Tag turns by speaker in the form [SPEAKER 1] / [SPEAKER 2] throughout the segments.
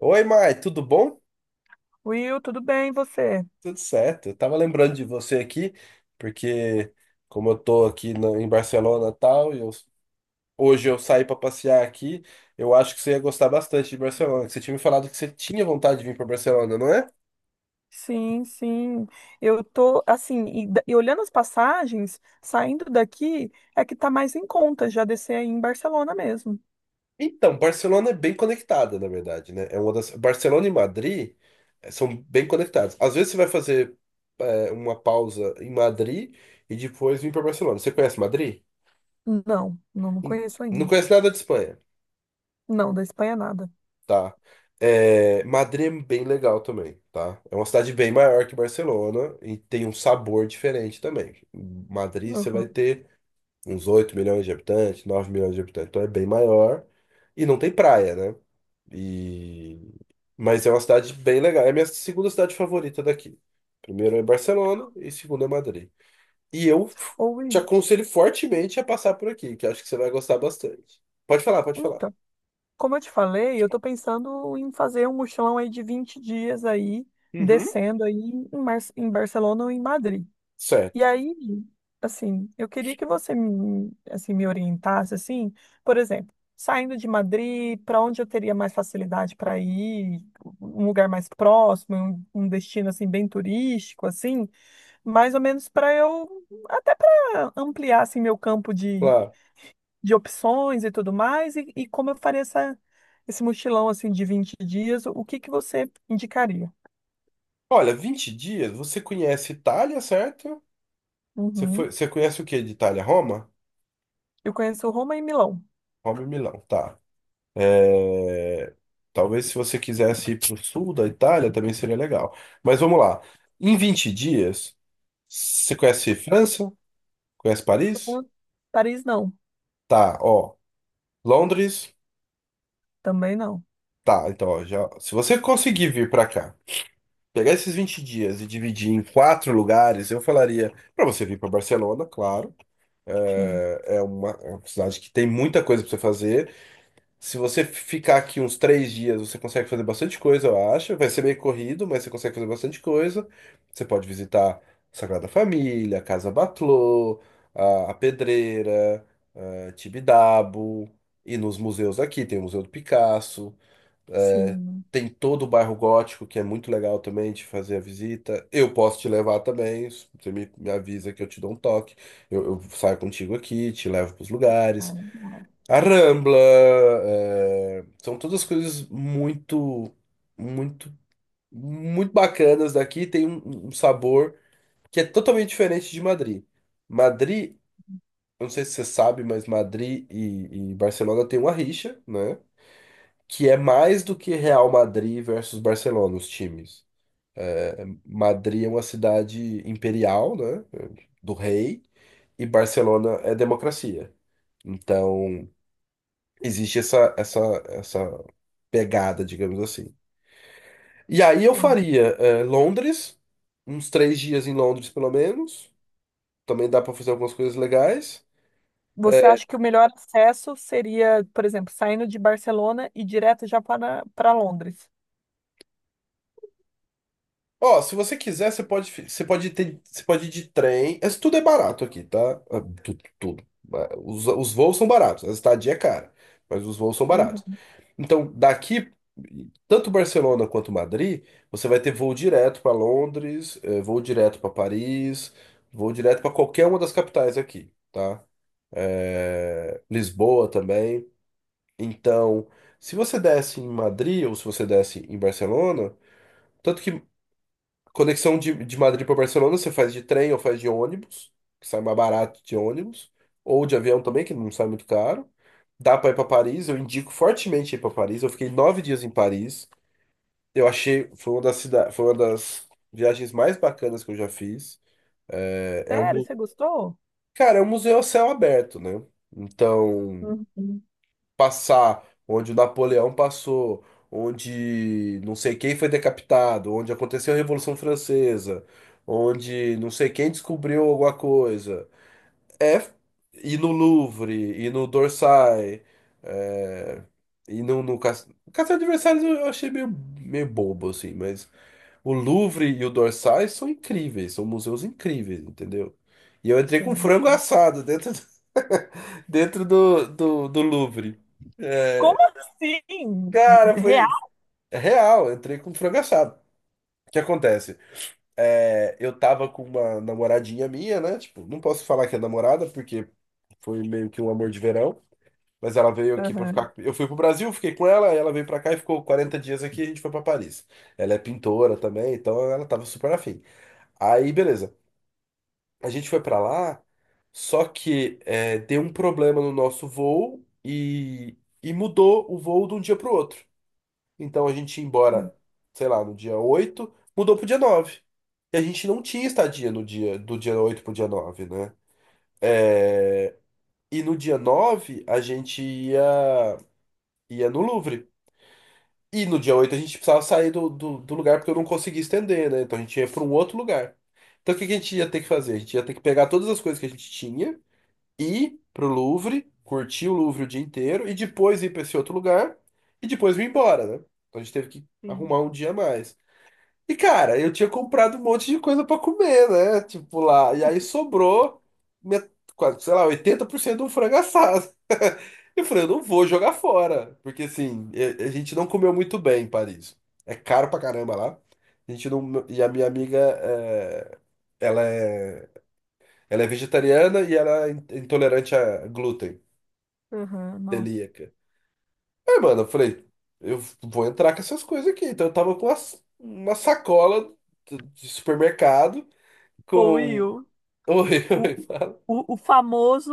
[SPEAKER 1] Oi, Mai, tudo bom?
[SPEAKER 2] Will, tudo bem, e você?
[SPEAKER 1] Tudo certo. Eu tava lembrando de você aqui, porque como eu tô aqui em Barcelona e tal, hoje eu saí para passear aqui, eu acho que você ia gostar bastante de Barcelona. Que Você tinha me falado que você tinha vontade de vir para Barcelona, não é?
[SPEAKER 2] Sim, sim. Eu tô assim, e olhando as passagens, saindo daqui, é que tá mais em conta já descer aí em Barcelona mesmo.
[SPEAKER 1] Então, Barcelona é bem conectada, na verdade, né? É uma das. Barcelona e Madrid são bem conectados. Às vezes você vai fazer uma pausa em Madrid e depois vir para Barcelona. Você conhece Madrid?
[SPEAKER 2] Não, não
[SPEAKER 1] Em-
[SPEAKER 2] conheço
[SPEAKER 1] Não
[SPEAKER 2] ainda.
[SPEAKER 1] conhece nada de Espanha.
[SPEAKER 2] Não, da Espanha nada.
[SPEAKER 1] Tá. É, Madrid é bem legal também, tá? É uma cidade bem maior que Barcelona e tem um sabor diferente também. Madrid você vai
[SPEAKER 2] Uhum.
[SPEAKER 1] ter uns 8 milhões de habitantes, 9 milhões de habitantes, então é bem maior e não tem praia, né? E. Mas é uma cidade bem legal. É a minha segunda cidade favorita daqui. Primeiro é Barcelona e segundo é Madrid. E eu f-
[SPEAKER 2] Ou
[SPEAKER 1] Te
[SPEAKER 2] e-
[SPEAKER 1] aconselho fortemente a passar por aqui, que eu acho que você vai gostar bastante. Pode falar, pode falar.
[SPEAKER 2] então, como eu te falei, eu tô pensando em fazer um mochilão aí de 20 dias aí,
[SPEAKER 1] Uhum.
[SPEAKER 2] descendo aí em Barcelona ou em Madrid. E
[SPEAKER 1] Certo,
[SPEAKER 2] aí, assim, eu queria que você me, assim, me orientasse, assim, por exemplo, saindo de Madrid, para onde eu teria mais facilidade para ir, um lugar mais próximo, um destino assim bem turístico, assim, mais ou menos para eu até para ampliar assim meu campo
[SPEAKER 1] claro.
[SPEAKER 2] de opções e tudo mais, e como eu faria essa, esse mochilão assim de 20 dias, o que que você indicaria?
[SPEAKER 1] Olha, 20 dias, você conhece Itália, certo? Você foi,
[SPEAKER 2] Uhum.
[SPEAKER 1] você conhece o que de Itália? Roma?
[SPEAKER 2] Eu conheço Roma e Milão.
[SPEAKER 1] Roma e Milão, tá. É, Talvez se você quisesse ir para o sul da Itália também seria legal. Mas vamos lá. Em 20 dias, você conhece França? Conhece Paris?
[SPEAKER 2] Fran- Paris não,
[SPEAKER 1] Tá, ó. Londres?
[SPEAKER 2] também não.
[SPEAKER 1] Tá, então, ó, já, se você conseguir vir para cá, pegar esses 20 dias e dividir em quatro lugares, eu falaria para você vir para Barcelona, claro.
[SPEAKER 2] Sim,
[SPEAKER 1] É uma cidade que tem muita coisa para você fazer. Se você ficar aqui uns 3 dias, você consegue fazer bastante coisa, eu acho. Vai ser meio corrido, mas você consegue fazer bastante coisa. Você pode visitar Sagrada Família, Casa Batlló, a Pedreira, a Tibidabo, e nos museus aqui. Tem o Museu do Picasso,
[SPEAKER 2] sim,
[SPEAKER 1] tem todo o bairro gótico, que é muito legal também de fazer a visita. Eu posso te levar também. Você me avisa que eu te dou um toque. Eu saio contigo aqui, te levo para os lugares.
[SPEAKER 2] cara,
[SPEAKER 1] A Rambla, são todas coisas muito, muito, muito bacanas daqui. Tem um sabor que é totalmente diferente de Madrid. Madrid, eu não sei se você sabe, mas Madrid e Barcelona tem uma rixa, né? Que é mais do que Real Madrid versus Barcelona, os times. Madrid é uma cidade imperial, né? Do rei, e Barcelona é democracia. Então. Existe essa pegada, digamos assim. E aí eu
[SPEAKER 2] sim.
[SPEAKER 1] faria Londres, uns 3 dias em Londres pelo menos. Também dá para fazer algumas coisas legais.
[SPEAKER 2] Você
[SPEAKER 1] Eh,
[SPEAKER 2] acha que o melhor acesso seria, por exemplo, saindo de Barcelona e direto já para, para Londres?
[SPEAKER 1] Ó, se você quiser, você pode ter, você pode ir de trem. Isso tudo é barato aqui, tá? Ah, tudo, tudo. Ah, Os voos são baratos, a estadia é cara, mas os voos são baratos.
[SPEAKER 2] Uhum.
[SPEAKER 1] Então, daqui, tanto Barcelona quanto Madrid, você vai ter voo direto para Londres, voo direto para Paris, voo direto para qualquer uma das capitais aqui, tá? Lisboa também. Então, se você desce em Madrid ou se você desce em Barcelona, tanto que conexão de Madrid para Barcelona você faz de trem ou faz de ônibus, que sai mais barato de ônibus, ou de avião também, que não sai muito caro. Dá para ir para Paris, eu indico fortemente ir para Paris. Eu fiquei 9 dias em Paris. Eu achei, foi uma das viagens mais bacanas que eu já fiz. É, é um,
[SPEAKER 2] Sério,
[SPEAKER 1] mu-
[SPEAKER 2] você gostou?
[SPEAKER 1] Cara, é um museu a céu aberto, né? Então,
[SPEAKER 2] Uhum.
[SPEAKER 1] passar onde o Napoleão passou, onde não sei quem foi decapitado, onde aconteceu a Revolução Francesa, onde não sei quem descobriu alguma coisa. É ir no Louvre, ir no Dorsay, é, ir no Castelo de Versalhes eu achei meio, meio bobo, assim, mas o Louvre e o Dorsais são incríveis, são museus incríveis, entendeu? E eu entrei com
[SPEAKER 2] Sim.
[SPEAKER 1] frango
[SPEAKER 2] sim.
[SPEAKER 1] assado dentro do, dentro do Louvre. É,
[SPEAKER 2] Como assim?
[SPEAKER 1] Cara, foi
[SPEAKER 2] Real?
[SPEAKER 1] é real, eu entrei com frango assado. O que acontece? É, eu tava com uma namoradinha minha, né? Tipo, não posso falar que é namorada, porque foi meio que um amor de verão. Mas ela veio aqui pra
[SPEAKER 2] Aham.
[SPEAKER 1] ficar. Eu fui pro Brasil, fiquei com ela, ela veio pra cá e ficou 40 dias aqui, a gente foi pra Paris. Ela é pintora também, então ela tava super afim. Aí, beleza. A gente foi pra lá, só que deu um problema no nosso voo e mudou o voo de um dia pro outro. Então a gente ia embora, sei lá, no dia 8 mudou pro dia 9. E a gente não tinha estadia no dia 8 pro dia nove, né? E no dia 9 a gente ia no Louvre. E no dia 8 a gente precisava sair do lugar porque eu não conseguia estender, né? Então a gente ia pra um outro lugar. Então o que que a gente ia ter que fazer? A gente ia ter que pegar todas as coisas que a gente tinha ir pro Louvre, curtir o Louvre o dia inteiro e depois ir para esse outro lugar e depois vir embora, né? Então a gente teve que
[SPEAKER 2] Sim.
[SPEAKER 1] arrumar um dia a mais. E cara, eu tinha comprado um monte de coisa para comer, né? Tipo lá, e aí sobrou met- quase, sei lá, 80% de um frango assado. Eu falei, eu não vou jogar fora, porque assim, a gente não comeu muito bem em Paris. É caro pra caramba lá. A gente não, e a minha amiga, é, ela é, ela é vegetariana e ela é intolerante a glúten.
[SPEAKER 2] Aham, nossa.
[SPEAKER 1] Celíaca. Aí, mano, eu falei, eu vou entrar com essas coisas aqui. Então eu tava com uma sacola de supermercado
[SPEAKER 2] Ô,
[SPEAKER 1] com.
[SPEAKER 2] Will,
[SPEAKER 1] Oi, oi,
[SPEAKER 2] o,
[SPEAKER 1] fala.
[SPEAKER 2] o famoso,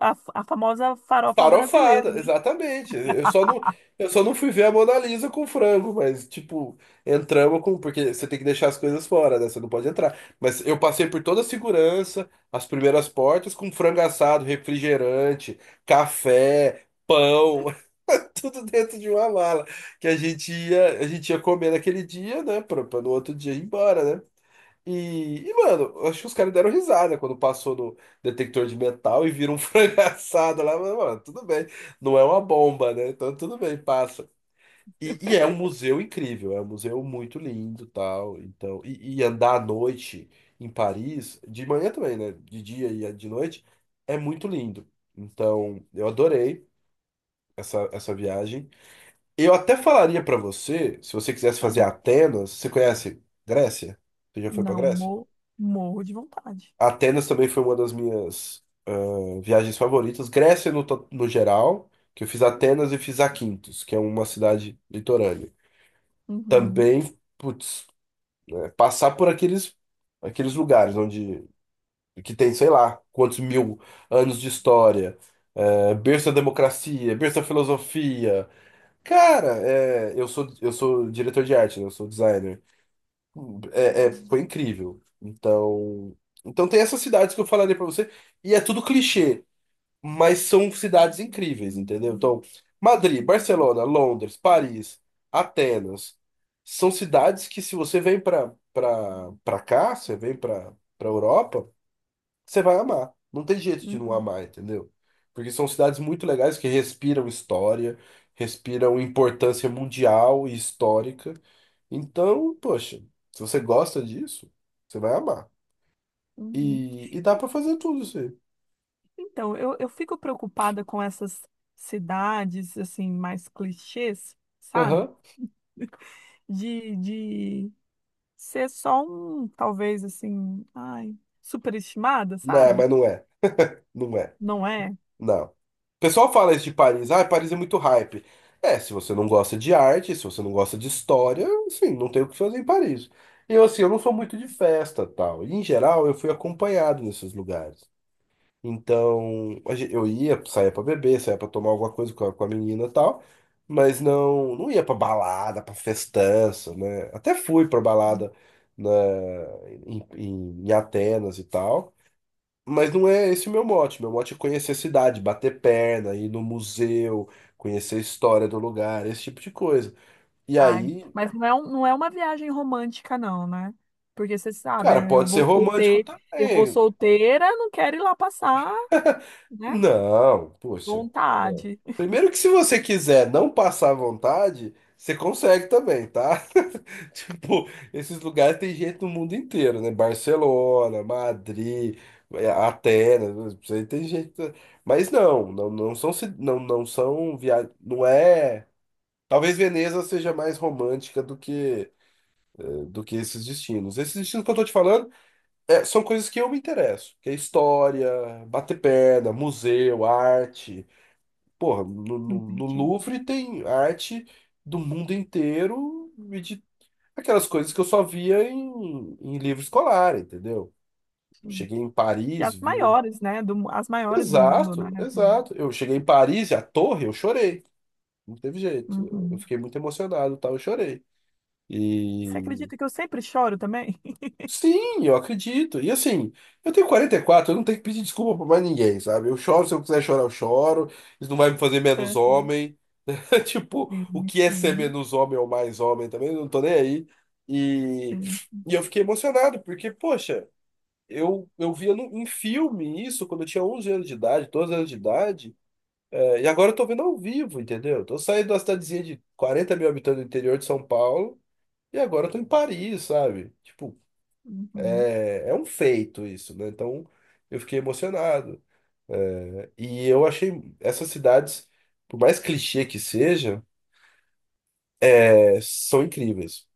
[SPEAKER 2] a famosa farofa brasileira,
[SPEAKER 1] Farofada,
[SPEAKER 2] né?
[SPEAKER 1] exatamente. Eu só não, eu só não fui ver a Mona Lisa com frango, mas, tipo, entramos com. Porque você tem que deixar as coisas fora, né? Você não pode entrar. Mas eu passei por toda a segurança, as primeiras portas, com frango assado, refrigerante, café, pão, tudo dentro de uma mala. Que a gente ia comer naquele dia, né? Pra, pra no outro dia ir embora, né? E, mano, eu acho que os caras deram risada quando passou no detector de metal e viram um frango assado lá. Mas, mano, tudo bem. Não é uma bomba, né? Então tudo bem, passa. E é um museu incrível, é um museu muito lindo, tal. Então, e andar à noite em Paris, de manhã também, né? De dia e de noite, é muito lindo. Então, eu adorei essa viagem. Eu até falaria pra você, se você quisesse fazer Atenas, você conhece Grécia? Você já foi pra
[SPEAKER 2] Não,
[SPEAKER 1] Grécia?
[SPEAKER 2] morro de vontade.
[SPEAKER 1] Atenas também foi uma das minhas viagens favoritas. Grécia no geral, que eu fiz Atenas e fiz Aquintos, que é uma cidade litorânea.
[SPEAKER 2] Uhum,
[SPEAKER 1] Também, putz, é, passar por aqueles, aqueles lugares onde que tem, sei lá, quantos mil anos de história, é, berço da democracia, berço da filosofia. Cara, é, eu sou diretor de arte, né? Eu sou designer. Foi incrível. Então, então tem essas cidades que eu falarei pra você, e é tudo clichê, mas são cidades incríveis, entendeu? Então, Madrid, Barcelona, Londres, Paris, Atenas, são cidades que se você vem pra para para cá, você vem pra para Europa, você vai amar. Não tem jeito de não
[SPEAKER 2] uhum,
[SPEAKER 1] amar, entendeu? Porque são cidades muito legais que respiram história, respiram importância mundial e histórica. Então, poxa, se você gosta disso, você vai amar.
[SPEAKER 2] uhum.
[SPEAKER 1] E dá pra fazer tudo isso aí.
[SPEAKER 2] Então, eu fico preocupada com essas cidades, assim, mais clichês, sabe?
[SPEAKER 1] Aham.
[SPEAKER 2] De ser só um, talvez, assim, ai, superestimada,
[SPEAKER 1] Não, é,
[SPEAKER 2] sabe?
[SPEAKER 1] mas não é. Não é.
[SPEAKER 2] Não é?
[SPEAKER 1] Não. O pessoal fala isso de Paris, ah, Paris é muito hype. É, se você não gosta de arte, se você não gosta de história, assim, não tem o que fazer em Paris. E eu, assim, eu não sou muito de festa, tal. E, em geral, eu fui acompanhado nesses lugares. Então, eu ia, saía pra beber, saía pra tomar alguma coisa com a menina, e tal, mas não, não ia pra balada, pra festança, né? Até fui pra balada na, em, em em Atenas e tal. Mas não é esse o meu mote. Meu mote é conhecer a cidade, bater perna, ir no museu, conhecer a história do lugar, esse tipo de coisa. E
[SPEAKER 2] Ai,
[SPEAKER 1] aí,
[SPEAKER 2] não é uma viagem romântica, não, né? Porque você sabe,
[SPEAKER 1] cara,
[SPEAKER 2] né,
[SPEAKER 1] pode ser romântico
[SPEAKER 2] eu vou
[SPEAKER 1] também.
[SPEAKER 2] solteira, não quero ir lá passar, né?
[SPEAKER 1] Não, poxa. Não.
[SPEAKER 2] Vontade.
[SPEAKER 1] Primeiro que se você quiser não passar vontade, você consegue também, tá? Tipo, esses lugares tem gente no mundo inteiro, né? Barcelona, Madrid, Atenas, isso aí tem gente. Mas não, não, não são, ci- não, não são viagens. Não é. Talvez Veneza seja mais romântica do que esses destinos. Esses destinos que eu tô te falando são coisas que eu me interesso, que é história, bater perna, museu, arte. Porra, no
[SPEAKER 2] Entendi.
[SPEAKER 1] Louvre tem arte do mundo inteiro e de aquelas coisas que eu só via em livro escolar, entendeu? Cheguei em
[SPEAKER 2] E
[SPEAKER 1] Paris,
[SPEAKER 2] as
[SPEAKER 1] via.
[SPEAKER 2] maiores, né? Do, as maiores do mundo, né?
[SPEAKER 1] Exato,
[SPEAKER 2] Assim.
[SPEAKER 1] exato. Eu cheguei em Paris e a torre, eu chorei. Não teve jeito. Eu
[SPEAKER 2] Uhum.
[SPEAKER 1] fiquei muito emocionado, e tal, eu chorei.
[SPEAKER 2] Você
[SPEAKER 1] E
[SPEAKER 2] acredita que eu sempre choro também?
[SPEAKER 1] sim, eu acredito. E assim, eu tenho 44, eu não tenho que pedir desculpa pra mais ninguém, sabe? Eu choro, se eu quiser chorar, eu choro. Isso não vai me fazer
[SPEAKER 2] É,
[SPEAKER 1] menos
[SPEAKER 2] é.
[SPEAKER 1] homem. Tipo, o
[SPEAKER 2] Sim,
[SPEAKER 1] que é ser
[SPEAKER 2] sim,
[SPEAKER 1] menos homem ou mais homem também, eu não tô nem aí. E,
[SPEAKER 2] sim.
[SPEAKER 1] e eu fiquei emocionado, porque, poxa, eu via em filme isso quando eu tinha 11 anos de idade, 12 anos de idade, é, e agora eu tô vendo ao vivo, entendeu? Eu tô saindo da cidadezinha de 40 mil habitantes do interior de São Paulo, e agora eu tô em Paris, sabe? Tipo,
[SPEAKER 2] Uhum.
[SPEAKER 1] é um feito isso, né? Então eu fiquei emocionado. E eu achei essas cidades, por mais clichê que seja, é, são incríveis.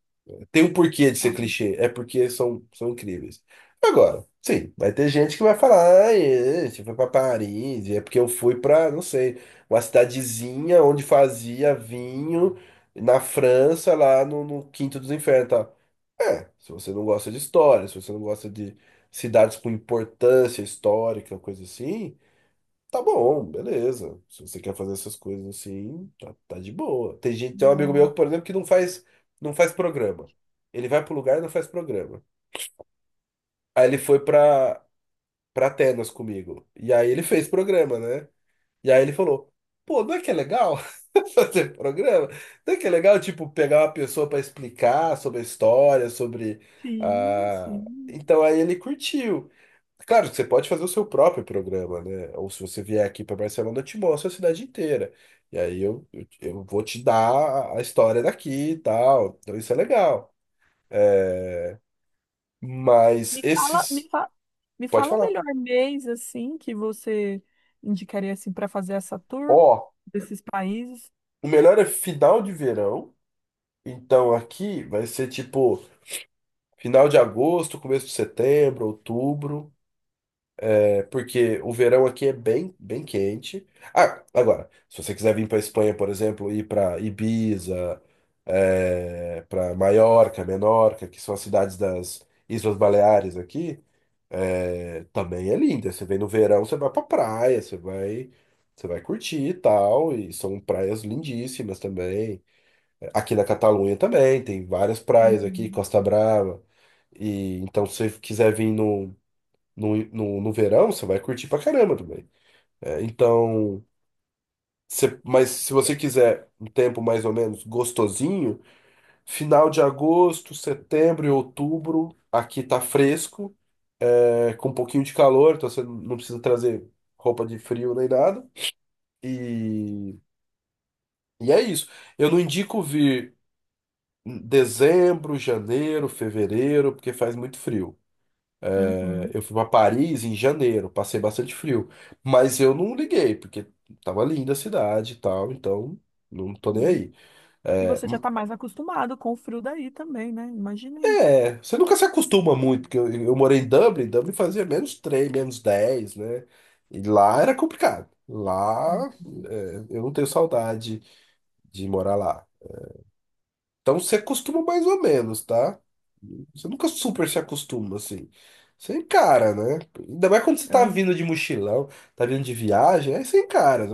[SPEAKER 1] Tem um porquê de ser
[SPEAKER 2] Ah,
[SPEAKER 1] clichê, é porque são, são incríveis. Agora, sim, vai ter gente que vai falar, ah, é, você foi pra Paris, é porque eu fui pra, não sei, uma cidadezinha onde fazia vinho na França, lá no, no Quinto dos Infernos, tal. É, se você não gosta de história, se você não gosta de cidades com importância histórica, coisa assim, tá bom, beleza. Se você quer fazer essas coisas assim, tá de boa. Tem gente, tem um amigo meu, por
[SPEAKER 2] nossa.
[SPEAKER 1] exemplo, que não faz, não faz programa. Ele vai pro lugar e não faz programa. Aí pra Atenas comigo. E aí ele fez programa, né? E aí ele falou: pô, não é que é legal fazer programa? Não é que é legal, tipo, pegar uma pessoa para explicar sobre a história, sobre.
[SPEAKER 2] Sim,
[SPEAKER 1] Ah...
[SPEAKER 2] sim.
[SPEAKER 1] Então aí ele curtiu. Claro que você pode fazer o seu próprio programa, né? Ou se você vier aqui para Barcelona, eu te mostro a cidade inteira. E aí eu vou te dar a história daqui e tal. Então isso é legal. Mas
[SPEAKER 2] Me fala,
[SPEAKER 1] esses.
[SPEAKER 2] me
[SPEAKER 1] Pode
[SPEAKER 2] fala o
[SPEAKER 1] falar.
[SPEAKER 2] melhor mês assim que você indicaria assim para fazer essa
[SPEAKER 1] Ó,
[SPEAKER 2] tour desses países.
[SPEAKER 1] o melhor é final de verão. Então aqui vai ser tipo. Final de agosto, começo de setembro, outubro, é, porque o verão aqui é bem, bem quente. Ah, agora, se você quiser vir para Espanha, por exemplo, ir para Ibiza, é, para Maiorca, Menorca, que são as cidades das Islas Baleares aqui, é, também é linda. Você vem no verão, você vai para praia, você vai curtir e tal, e são praias lindíssimas também. Aqui na Catalunha também, tem várias praias aqui,
[SPEAKER 2] Uhum.
[SPEAKER 1] Costa Brava. E então, se você quiser vir no verão, você vai curtir pra caramba também. É, então, você- mas se você quiser um tempo mais ou menos gostosinho, final de agosto, setembro e outubro, aqui tá fresco, é, com um pouquinho de calor, então você não precisa trazer roupa de frio nem nada. E, e é isso. Eu não indico vir. Dezembro, janeiro, fevereiro, porque faz muito frio. É,
[SPEAKER 2] Uhum.
[SPEAKER 1] eu fui para Paris em janeiro, passei bastante frio, mas eu não liguei, porque tava linda a cidade e tal, então não tô nem
[SPEAKER 2] Sim.
[SPEAKER 1] aí.
[SPEAKER 2] E
[SPEAKER 1] É,
[SPEAKER 2] você já está mais acostumado com o frio daí também, né? Imaginei.
[SPEAKER 1] você nunca se acostuma muito, porque eu morei em Dublin, Dublin fazia menos 3 menos dez, né? E lá era complicado. Lá, é, eu não tenho saudade de morar lá. Então você acostuma mais ou menos, tá? Você nunca super se acostuma, assim. Você encara, né? Ainda mais quando você tá
[SPEAKER 2] É.
[SPEAKER 1] vindo de mochilão, tá vindo de viagem, aí você encara.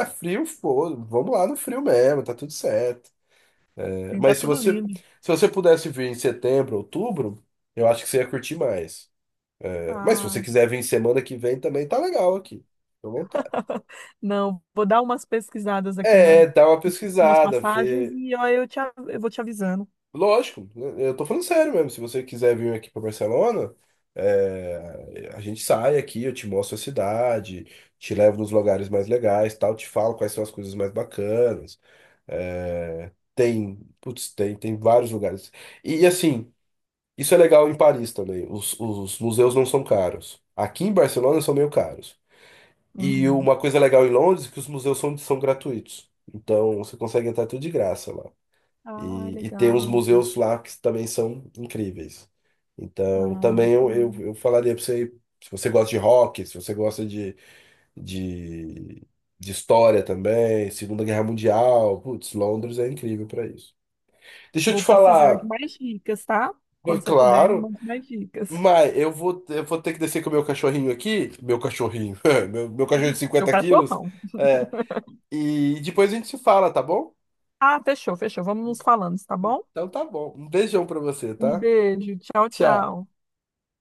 [SPEAKER 1] Ah, frio, foda, vamos lá no frio mesmo, tá tudo certo.
[SPEAKER 2] Sim, tá
[SPEAKER 1] Mas se
[SPEAKER 2] tudo lindo.
[SPEAKER 1] se você pudesse vir em setembro, outubro, eu acho que você ia curtir mais. É, mas se você
[SPEAKER 2] Ah,
[SPEAKER 1] quiser vir semana que vem também, tá legal aqui. Fica à vontade.
[SPEAKER 2] não, vou dar umas pesquisadas aqui
[SPEAKER 1] É,
[SPEAKER 2] na,
[SPEAKER 1] dá uma
[SPEAKER 2] nas
[SPEAKER 1] pesquisada,
[SPEAKER 2] passagens
[SPEAKER 1] vê.
[SPEAKER 2] e ó, eu vou te avisando.
[SPEAKER 1] Lógico, né? Eu tô falando sério mesmo. Se você quiser vir aqui para Barcelona, é, a gente sai aqui, eu te mostro a cidade, te levo nos lugares mais legais, tal, te falo quais são as coisas mais bacanas. É, tem vários lugares. Assim, isso é legal em Paris também. Os museus não são caros. Aqui em Barcelona são meio caros. E
[SPEAKER 2] Uhum.
[SPEAKER 1] uma coisa legal em Londres é que os museus são, são gratuitos. Então você consegue entrar tudo de graça lá.
[SPEAKER 2] Ah,
[SPEAKER 1] E tem uns
[SPEAKER 2] legal.
[SPEAKER 1] museus lá que também são incríveis. Então,
[SPEAKER 2] Ah,
[SPEAKER 1] também
[SPEAKER 2] legal.
[SPEAKER 1] eu falaria para você, se você gosta de rock, se você gosta de, de história também, Segunda Guerra Mundial, putz, Londres é incrível para isso. Deixa eu te
[SPEAKER 2] Vou precisar de
[SPEAKER 1] falar,
[SPEAKER 2] mais dicas, tá? Quando você puder, me
[SPEAKER 1] claro,
[SPEAKER 2] manda mais dicas.
[SPEAKER 1] mas eu vou ter que descer com o meu cachorrinho aqui, meu cachorrinho, meu cachorro de
[SPEAKER 2] Seu
[SPEAKER 1] 50 quilos,
[SPEAKER 2] cachorrão.
[SPEAKER 1] é, e depois a gente se fala, tá bom?
[SPEAKER 2] Ah, fechou, fechou. Vamos nos falando, tá bom?
[SPEAKER 1] Então tá bom. Um beijão para você,
[SPEAKER 2] Um
[SPEAKER 1] tá?
[SPEAKER 2] beijo. Tchau,
[SPEAKER 1] Tchau.
[SPEAKER 2] tchau.